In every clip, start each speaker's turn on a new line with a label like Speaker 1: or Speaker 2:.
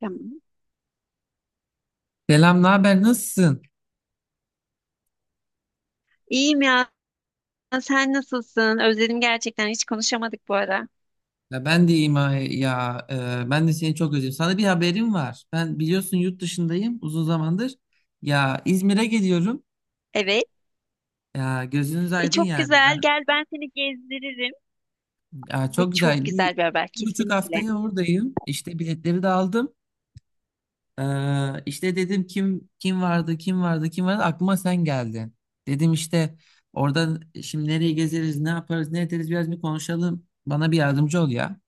Speaker 1: Tamam.
Speaker 2: Selam, ne haber? Nasılsın?
Speaker 1: İyiyim ya. Sen nasılsın? Özledim gerçekten. Hiç konuşamadık bu ara.
Speaker 2: Ya ben de iyiyim ya. Ben de seni çok özledim. Sana bir haberim var. Ben biliyorsun yurt dışındayım uzun zamandır. Ya İzmir'e geliyorum.
Speaker 1: Evet.
Speaker 2: Ya gözünüz aydın
Speaker 1: Çok
Speaker 2: yani. Ben
Speaker 1: güzel. Gel ben seni gezdiririm.
Speaker 2: ya
Speaker 1: Bu
Speaker 2: çok
Speaker 1: çok
Speaker 2: güzel
Speaker 1: güzel bir haber.
Speaker 2: 1,5
Speaker 1: Kesinlikle.
Speaker 2: haftaya oradayım. İşte biletleri de aldım. İşte dedim kim vardı aklıma sen geldin. Dedim işte oradan şimdi nereye gezeriz ne yaparız ne ederiz biraz bir konuşalım. Bana bir yardımcı ol ya.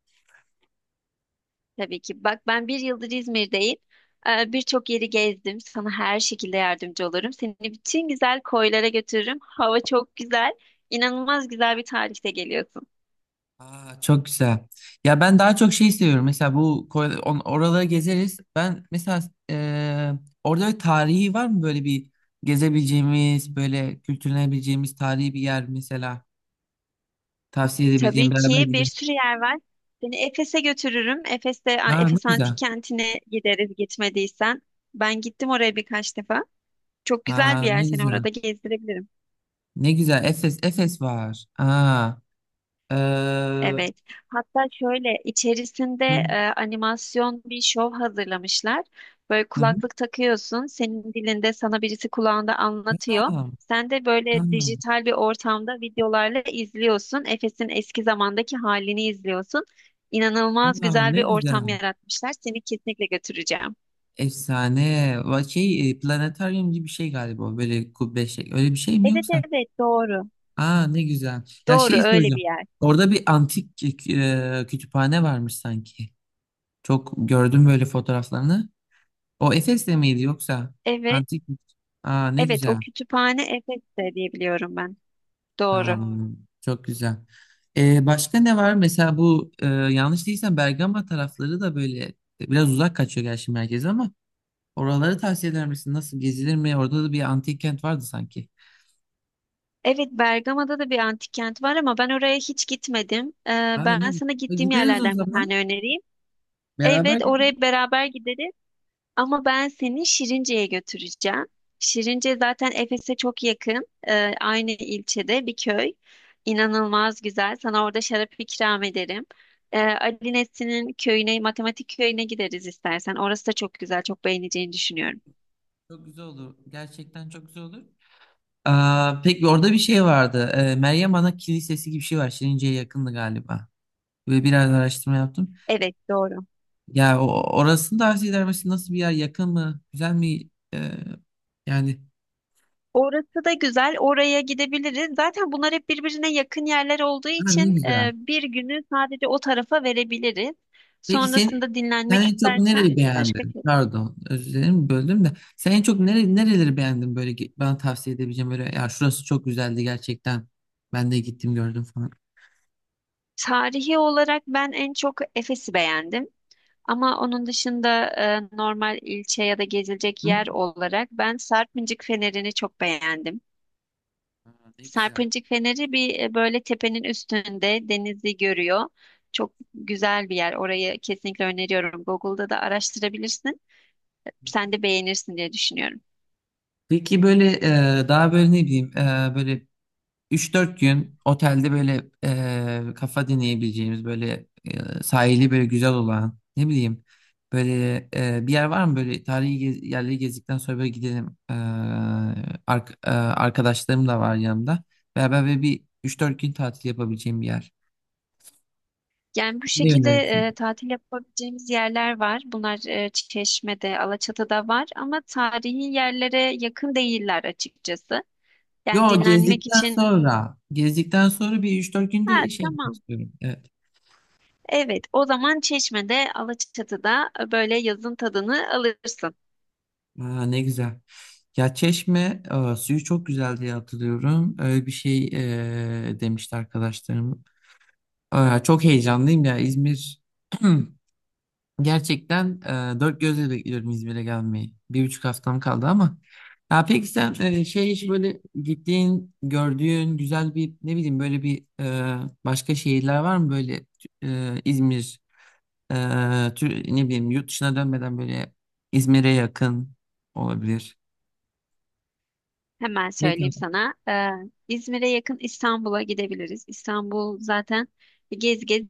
Speaker 1: Tabii ki. Bak ben bir yıldır İzmir'deyim. Birçok yeri gezdim. Sana her şekilde yardımcı olurum. Seni bütün güzel koylara götürürüm. Hava çok güzel. İnanılmaz güzel bir tarihte geliyorsun.
Speaker 2: Aa, çok güzel. Ya ben daha çok şey seviyorum. Mesela bu oraları gezeriz. Ben mesela e, orada bir tarihi var mı böyle gezebileceğimiz böyle kültürlenebileceğimiz tarihi bir yer mesela? Tavsiye edebileceğim
Speaker 1: Tabii
Speaker 2: beraber
Speaker 1: ki bir
Speaker 2: gidelim.
Speaker 1: sürü yer var. Seni Efes'e götürürüm. Efes'te
Speaker 2: Aa, ne
Speaker 1: Efes
Speaker 2: güzel.
Speaker 1: Antik Kenti'ne gideriz gitmediysen. Ben gittim oraya birkaç defa. Çok güzel bir
Speaker 2: Aa,
Speaker 1: yer,
Speaker 2: ne
Speaker 1: seni
Speaker 2: güzel.
Speaker 1: orada gezdirebilirim.
Speaker 2: Ne güzel. Efes var. Aa. eee,
Speaker 1: Evet. Hatta şöyle içerisinde
Speaker 2: hı,
Speaker 1: animasyon bir şov hazırlamışlar. Böyle
Speaker 2: hı, hı.
Speaker 1: kulaklık takıyorsun, senin dilinde sana birisi kulağında anlatıyor.
Speaker 2: Aa,
Speaker 1: Sen de
Speaker 2: aa,
Speaker 1: böyle dijital bir ortamda videolarla izliyorsun. Efes'in eski zamandaki halini izliyorsun. İnanılmaz
Speaker 2: aa,
Speaker 1: güzel
Speaker 2: ne
Speaker 1: bir
Speaker 2: güzel.
Speaker 1: ortam yaratmışlar. Seni kesinlikle götüreceğim.
Speaker 2: Efsane. Şey, planetaryum gibi bir şey galiba o, böyle kubbe şey. Öyle bir şey mi
Speaker 1: Evet
Speaker 2: yoksa?
Speaker 1: evet, doğru.
Speaker 2: Aa, ne güzel. Ya
Speaker 1: Doğru,
Speaker 2: şey
Speaker 1: öyle bir
Speaker 2: söyleyeceğim.
Speaker 1: yer.
Speaker 2: Orada bir antik kütüphane varmış sanki. Çok gördüm böyle fotoğraflarını. O Efes'te miydi yoksa?
Speaker 1: Evet.
Speaker 2: Antik. Aa, ne
Speaker 1: Evet, o
Speaker 2: güzel.
Speaker 1: kütüphane Efes'te diye biliyorum ben.
Speaker 2: Ha,
Speaker 1: Doğru.
Speaker 2: çok güzel. Başka ne var? Mesela bu yanlış değilsem Bergama tarafları da böyle biraz uzak kaçıyor gerçi merkeze ama oraları tavsiye eder misin? Nasıl gezilir mi? Orada da bir antik kent vardı sanki.
Speaker 1: Evet, Bergama'da da bir antik kent var ama ben oraya hiç gitmedim.
Speaker 2: Ha, ne
Speaker 1: Ben
Speaker 2: güzel.
Speaker 1: sana gittiğim
Speaker 2: Gideriz o
Speaker 1: yerlerden bir
Speaker 2: zaman.
Speaker 1: tane önereyim.
Speaker 2: Beraber
Speaker 1: Evet,
Speaker 2: gideriz.
Speaker 1: oraya beraber gideriz ama ben seni Şirince'ye götüreceğim. Şirince zaten Efes'e çok yakın. Aynı ilçede bir köy. İnanılmaz güzel. Sana orada şarap ikram ederim. Ali Nesli'nin köyüne, matematik köyüne gideriz istersen. Orası da çok güzel, çok beğeneceğini düşünüyorum.
Speaker 2: Çok güzel olur. Gerçekten çok güzel olur. Aa, peki orada bir şey vardı. Meryem Ana Kilisesi gibi bir şey var. Şirince'ye yakındı galiba. Ve biraz araştırma yaptım.
Speaker 1: Evet, doğru.
Speaker 2: Ya orasını tavsiye eder misin? Nasıl bir yer? Yakın mı? Güzel mi? Yani.
Speaker 1: Orası da güzel. Oraya gidebiliriz. Zaten bunlar hep birbirine yakın yerler olduğu
Speaker 2: Ha, ne
Speaker 1: için
Speaker 2: güzel.
Speaker 1: bir günü sadece o tarafa verebiliriz.
Speaker 2: Peki sen,
Speaker 1: Sonrasında
Speaker 2: sen
Speaker 1: dinlenmek
Speaker 2: en çok
Speaker 1: istersen
Speaker 2: nereyi
Speaker 1: başka
Speaker 2: beğendin?
Speaker 1: şey.
Speaker 2: Pardon, özür dilerim böldüm de. Sen en çok nereleri beğendin böyle bana tavsiye edebileceğim böyle ya şurası çok güzeldi gerçekten. Ben de gittim gördüm falan.
Speaker 1: Tarihi olarak ben en çok Efes'i beğendim. Ama onun dışında normal ilçe ya da gezilecek
Speaker 2: Hı?
Speaker 1: yer olarak ben Sarpıncık Feneri'ni çok beğendim.
Speaker 2: Aa, ne güzel.
Speaker 1: Sarpıncık Feneri böyle tepenin üstünde denizi görüyor. Çok güzel bir yer. Orayı kesinlikle öneriyorum. Google'da da araştırabilirsin. Sen de beğenirsin diye düşünüyorum.
Speaker 2: Peki böyle daha böyle ne bileyim böyle üç dört gün otelde böyle kafa dinleyebileceğimiz böyle sahili böyle güzel olan ne bileyim böyle bir yer var mı böyle tarihi yerleri gezdikten sonra böyle gidelim. Arkadaşlarım da var yanımda. Beraber böyle bir üç dört gün tatil yapabileceğim bir yer.
Speaker 1: Yani bu
Speaker 2: Ne
Speaker 1: şekilde
Speaker 2: önerirsin?
Speaker 1: tatil yapabileceğimiz yerler var. Bunlar Çeşme'de, Alaçatı'da var ama tarihi yerlere yakın değiller açıkçası. Yani
Speaker 2: Yo,
Speaker 1: dinlenmek
Speaker 2: gezdikten
Speaker 1: için.
Speaker 2: sonra gezdikten sonra bir üç dört
Speaker 1: Ha,
Speaker 2: günde şey yapmak
Speaker 1: tamam.
Speaker 2: istiyorum.
Speaker 1: Evet, o zaman Çeşme'de, Alaçatı'da böyle yazın tadını alırsın.
Speaker 2: Aa, ne güzel. Ya Çeşme suyu çok güzel diye hatırlıyorum. Öyle bir şey demişti arkadaşlarım. Aa, çok heyecanlıyım ya İzmir. Gerçekten dört gözle bekliyorum İzmir'e gelmeyi. 1,5 haftam kaldı ama. Ya peki sen şey hiç böyle gittiğin, gördüğün güzel bir ne bileyim böyle başka şehirler var mı böyle İzmir e, ne bileyim yurt dışına dönmeden böyle İzmir'e yakın olabilir.
Speaker 1: Hemen söyleyeyim sana. İzmir'e yakın İstanbul'a gidebiliriz. İstanbul zaten gez gez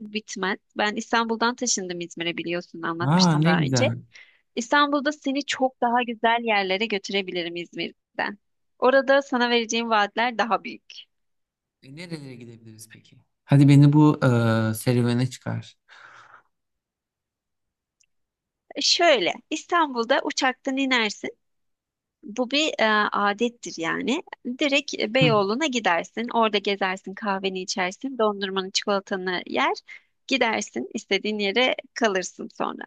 Speaker 1: bitmez. Ben İstanbul'dan taşındım İzmir'e, biliyorsun,
Speaker 2: Aa,
Speaker 1: anlatmıştım
Speaker 2: ne
Speaker 1: daha önce.
Speaker 2: güzel.
Speaker 1: İstanbul'da seni çok daha güzel yerlere götürebilirim İzmir'den. Orada sana vereceğim vaatler daha büyük.
Speaker 2: Nerelere gidebiliriz peki? Hadi beni bu serüvene çıkar.
Speaker 1: Şöyle, İstanbul'da uçaktan inersin. Bu bir adettir yani. Direkt
Speaker 2: Hı
Speaker 1: Beyoğlu'na gidersin. Orada gezersin, kahveni içersin, dondurmanı, çikolatanı yer. Gidersin, istediğin yere kalırsın sonra.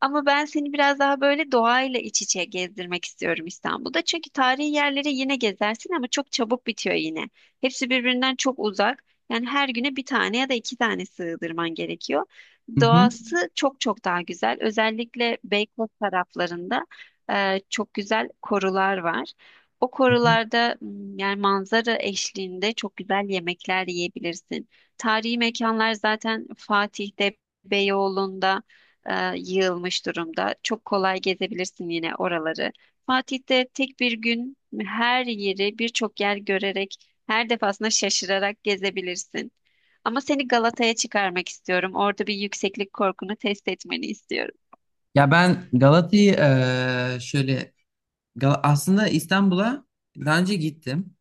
Speaker 1: Ama ben seni biraz daha böyle doğayla iç içe gezdirmek istiyorum İstanbul'da. Çünkü tarihi yerleri yine gezersin ama çok çabuk bitiyor yine. Hepsi birbirinden çok uzak. Yani her güne bir tane ya da iki tane sığdırman gerekiyor.
Speaker 2: hı. Hı.
Speaker 1: Doğası çok çok daha güzel. Özellikle Beykoz taraflarında çok güzel korular var. O
Speaker 2: Hı hı.
Speaker 1: korularda yani manzara eşliğinde çok güzel yemekler yiyebilirsin. Tarihi mekanlar zaten Fatih'te, Beyoğlu'nda yığılmış durumda. Çok kolay gezebilirsin yine oraları. Fatih'te tek bir gün her yeri, birçok yer görerek, her defasında şaşırarak gezebilirsin. Ama seni Galata'ya çıkarmak istiyorum. Orada bir yükseklik korkunu test etmeni istiyorum.
Speaker 2: Ya ben Galata'yı şöyle aslında İstanbul'a daha önce gittim.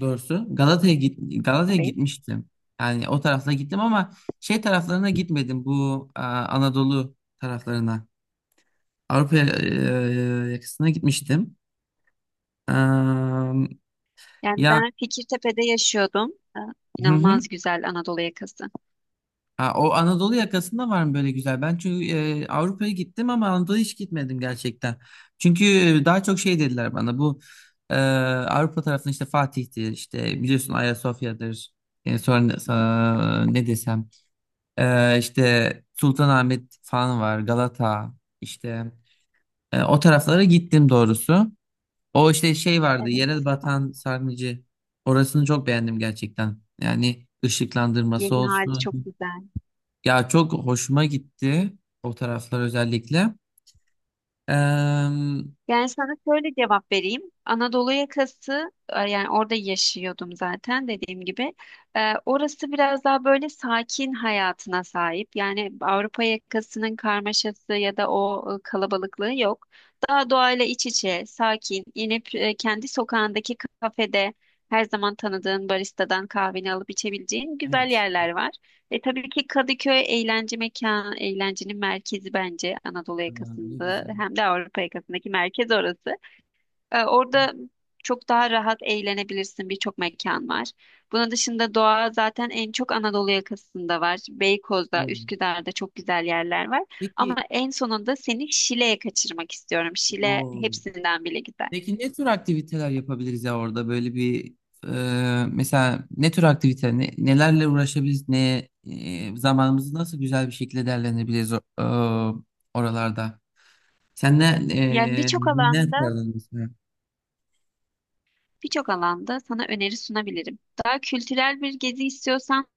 Speaker 2: Doğrusu Galata'ya
Speaker 1: Evet.
Speaker 2: gitmiştim. Yani o tarafta gittim ama şey taraflarına gitmedim. Bu Anadolu taraflarına. Avrupa yakasına gitmiştim. Eee,
Speaker 1: Yani
Speaker 2: ya,
Speaker 1: ben Fikirtepe'de yaşıyordum. Ee,
Speaker 2: hı hı.
Speaker 1: İnanılmaz güzel Anadolu yakası.
Speaker 2: Ha, o Anadolu yakasında var mı böyle güzel? Ben çünkü Avrupa'ya gittim ama Anadolu'ya hiç gitmedim gerçekten. Çünkü daha çok şey dediler bana bu Avrupa tarafında işte Fatih'tir işte biliyorsun Ayasofya'dır. Sonra ne desem, işte Sultanahmet falan var Galata işte. O taraflara gittim doğrusu. O işte şey vardı yere
Speaker 1: Evet.
Speaker 2: batan sarnıcı orasını çok beğendim gerçekten. Yani ışıklandırması
Speaker 1: Yeni hali çok
Speaker 2: olsun.
Speaker 1: güzel.
Speaker 2: Ya çok hoşuma gitti o taraflar özellikle. Eee,
Speaker 1: Yani sana şöyle cevap vereyim. Anadolu yakası, yani orada yaşıyordum zaten dediğim gibi. Orası biraz daha böyle sakin hayatına sahip. Yani Avrupa yakasının karmaşası ya da o kalabalıklığı yok. Daha doğayla iç içe, sakin, inip kendi sokağındaki kafede her zaman tanıdığın baristadan kahveni alıp içebileceğin güzel
Speaker 2: evet.
Speaker 1: yerler var. Tabii ki Kadıköy eğlence mekanı, eğlencenin merkezi, bence Anadolu
Speaker 2: Eee, ne
Speaker 1: yakasında
Speaker 2: güzel.
Speaker 1: hem de Avrupa yakasındaki merkez orası. Orada çok daha rahat eğlenebilirsin. Birçok mekan var. Bunun dışında doğa zaten en çok Anadolu yakasında var. Beykoz'da,
Speaker 2: Doğru.
Speaker 1: Üsküdar'da çok güzel yerler var. Ama
Speaker 2: Peki,
Speaker 1: en sonunda seni Şile'ye kaçırmak istiyorum. Şile
Speaker 2: o,
Speaker 1: hepsinden bile güzel.
Speaker 2: peki ne tür aktiviteler yapabiliriz ya orada böyle bir mesela ne tür aktivite nelerle uğraşabiliriz ne zamanımızı nasıl güzel bir şekilde değerlendirebiliriz oralarda. Sen
Speaker 1: Yani birçok
Speaker 2: ne
Speaker 1: alanda,
Speaker 2: yapardın mesela?
Speaker 1: birçok alanda sana öneri sunabilirim. Daha kültürel bir gezi istiyorsan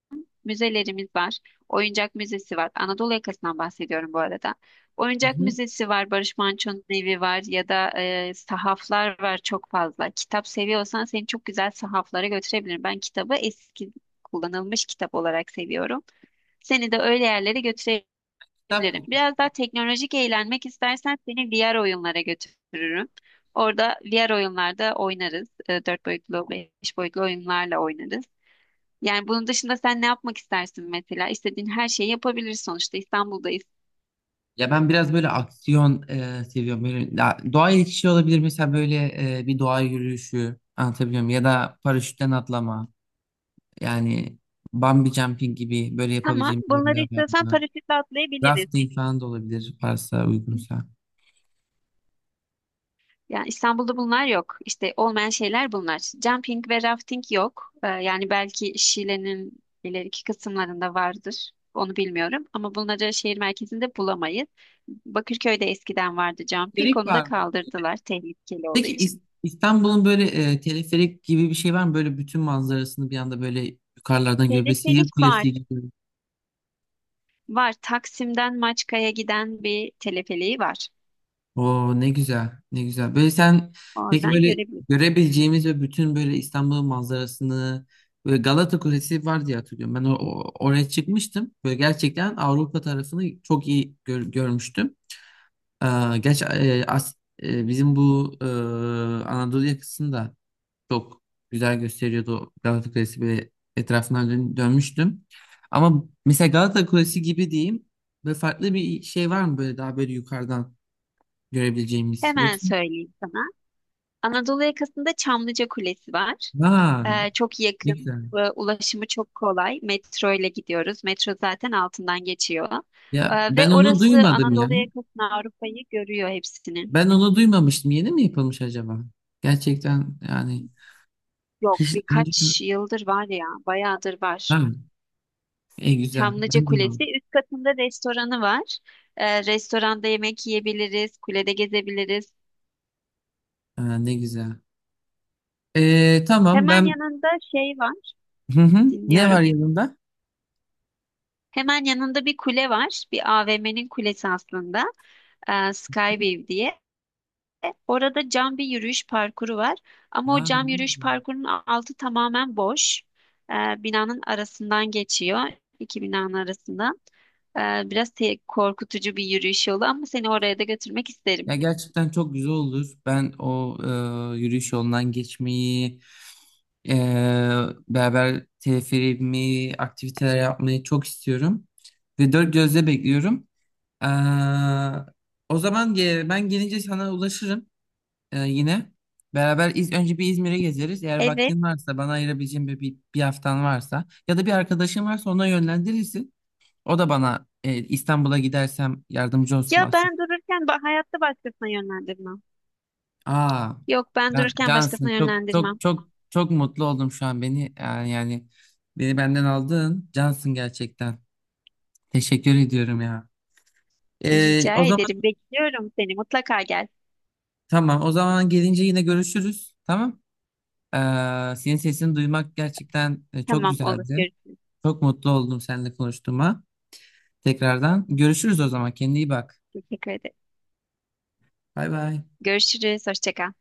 Speaker 1: müzelerimiz var. Oyuncak Müzesi var. Anadolu yakasından bahsediyorum bu arada.
Speaker 2: Hı
Speaker 1: Oyuncak
Speaker 2: hı.
Speaker 1: Müzesi var. Barış Manço'nun evi var. Ya da sahaflar var çok fazla. Kitap seviyorsan seni çok güzel sahaflara götürebilirim. Ben kitabı eski, kullanılmış kitap olarak seviyorum. Seni de öyle yerlere götürebilirim.
Speaker 2: Kitap kokulu.
Speaker 1: Biraz daha teknolojik eğlenmek istersen seni VR oyunlara götürürüm. Orada VR oyunlarda oynarız. E, dört boyutlu, beş boyutlu oyunlarla oynarız. Yani bunun dışında sen ne yapmak istersin mesela? İstediğin her şeyi yapabiliriz sonuçta İstanbul'dayız.
Speaker 2: Ya ben biraz böyle aksiyon seviyorum. Böyle, ya, doğaya geçişi olabilir mesela böyle bir doğa yürüyüşü anlatabiliyor muyum? Ya da paraşütten atlama. Yani bungee jumping gibi böyle
Speaker 1: Tamam,
Speaker 2: yapabileceğim bir yerler
Speaker 1: bunları
Speaker 2: var
Speaker 1: istiyorsan
Speaker 2: mı?
Speaker 1: paraşütle atlayabiliriz.
Speaker 2: Rafting falan da olabilir varsa uygunsa.
Speaker 1: Yani İstanbul'da bunlar yok. İşte olmayan şeyler bunlar. Jumping ve rafting yok. Yani belki Şile'nin ileriki kısımlarında vardır. Onu bilmiyorum. Ama bunları şehir merkezinde bulamayız. Bakırköy'de eskiden vardı jumping.
Speaker 2: Teleferik
Speaker 1: Onu da
Speaker 2: var mı?
Speaker 1: kaldırdılar tehlikeli olduğu
Speaker 2: Peki
Speaker 1: için.
Speaker 2: İstanbul'un böyle teleferik gibi bir şey var mı? Böyle bütün manzarasını bir anda böyle yukarılardan görüyor. Böyle Sihir
Speaker 1: Telefelik var.
Speaker 2: Kulesi gibi.
Speaker 1: Var. Taksim'den Maçka'ya giden bir teleferiği var.
Speaker 2: Oo, ne güzel, ne güzel. Böyle sen peki
Speaker 1: Oradan
Speaker 2: böyle
Speaker 1: görebiliriz.
Speaker 2: görebileceğimiz ve bütün böyle İstanbul manzarasını böyle Galata Kulesi var diye hatırlıyorum. Ben oraya çıkmıştım. Böyle gerçekten Avrupa tarafını çok iyi görmüştüm. Gerçi bizim bu Anadolu yakasını da çok güzel gösteriyordu o Galata Kulesi ve etrafından dönmüştüm. Ama mesela Galata Kulesi gibi diyeyim. Böyle farklı bir şey var mı böyle daha böyle yukarıdan görebileceğimiz?
Speaker 1: Hemen
Speaker 2: Yoksa.
Speaker 1: söyleyeyim sana. Anadolu yakasında Çamlıca Kulesi var.
Speaker 2: Ha,
Speaker 1: Çok
Speaker 2: ne
Speaker 1: yakın
Speaker 2: güzel.
Speaker 1: ve ulaşımı çok kolay. Metro ile gidiyoruz. Metro zaten altından geçiyor.
Speaker 2: Ya ben
Speaker 1: Ve
Speaker 2: onu
Speaker 1: orası
Speaker 2: duymadım ya.
Speaker 1: Anadolu yakasını, Avrupa'yı görüyor, hepsini.
Speaker 2: Ben onu duymamıştım. Yeni mi yapılmış acaba? Gerçekten yani
Speaker 1: Yok,
Speaker 2: hiç
Speaker 1: birkaç yıldır var ya, bayağıdır var.
Speaker 2: ha, güzel.
Speaker 1: Çamlıca
Speaker 2: Ben
Speaker 1: Kulesi
Speaker 2: duymadım.
Speaker 1: üst katında restoranı var. Restoranda yemek yiyebiliriz, kulede gezebiliriz.
Speaker 2: Ha, ne güzel. Tamam
Speaker 1: Hemen
Speaker 2: ben
Speaker 1: yanında şey var.
Speaker 2: hı hı. Ne var
Speaker 1: Dinliyorum.
Speaker 2: yanında?
Speaker 1: Hemen yanında bir kule var. Bir AVM'nin kulesi aslında. Skyway diye. Orada cam bir yürüyüş parkuru var. Ama o
Speaker 2: Ha, ne
Speaker 1: cam yürüyüş
Speaker 2: güzel.
Speaker 1: parkurunun altı tamamen boş. Binanın arasından geçiyor. İki binanın arasında. Ee, Biraz korkutucu bir yürüyüş yolu ama seni oraya da götürmek isterim.
Speaker 2: Ya gerçekten çok güzel olur. Ben yürüyüş yolundan geçmeyi, e, beraber teleferimi, aktiviteler yapmayı çok istiyorum. Ve dört gözle bekliyorum. Ee, O zaman ben gelince sana ulaşırım yine. Beraber önce bir İzmir'e gezeriz. Eğer
Speaker 1: Evet.
Speaker 2: vaktin varsa bana ayırabileceğin bir haftan varsa ya da bir arkadaşın varsa ona yönlendirirsin. O da bana İstanbul'a gidersem yardımcı olsun
Speaker 1: Ya,
Speaker 2: Asya.
Speaker 1: ben dururken hayatta başkasına yönlendirmem.
Speaker 2: Aa,
Speaker 1: Yok, ben
Speaker 2: ben
Speaker 1: dururken
Speaker 2: Cansın
Speaker 1: başkasına
Speaker 2: çok çok
Speaker 1: yönlendirmem.
Speaker 2: çok çok mutlu oldum şu an beni yani, beni benden aldın Cansın gerçekten. Teşekkür ediyorum ya. O
Speaker 1: Rica
Speaker 2: zaman
Speaker 1: ederim. Bekliyorum seni. Mutlaka gel.
Speaker 2: tamam o zaman gelince yine görüşürüz. Tamam. Ee, Senin sesini duymak gerçekten çok
Speaker 1: Tamam, olur.
Speaker 2: güzeldi.
Speaker 1: Görüşürüz.
Speaker 2: Çok mutlu oldum seninle konuştuğuma. Tekrardan görüşürüz o zaman. Kendine iyi bak.
Speaker 1: Teşekkür ederim.
Speaker 2: Bay bay.
Speaker 1: Görüşürüz. Hoşça kal.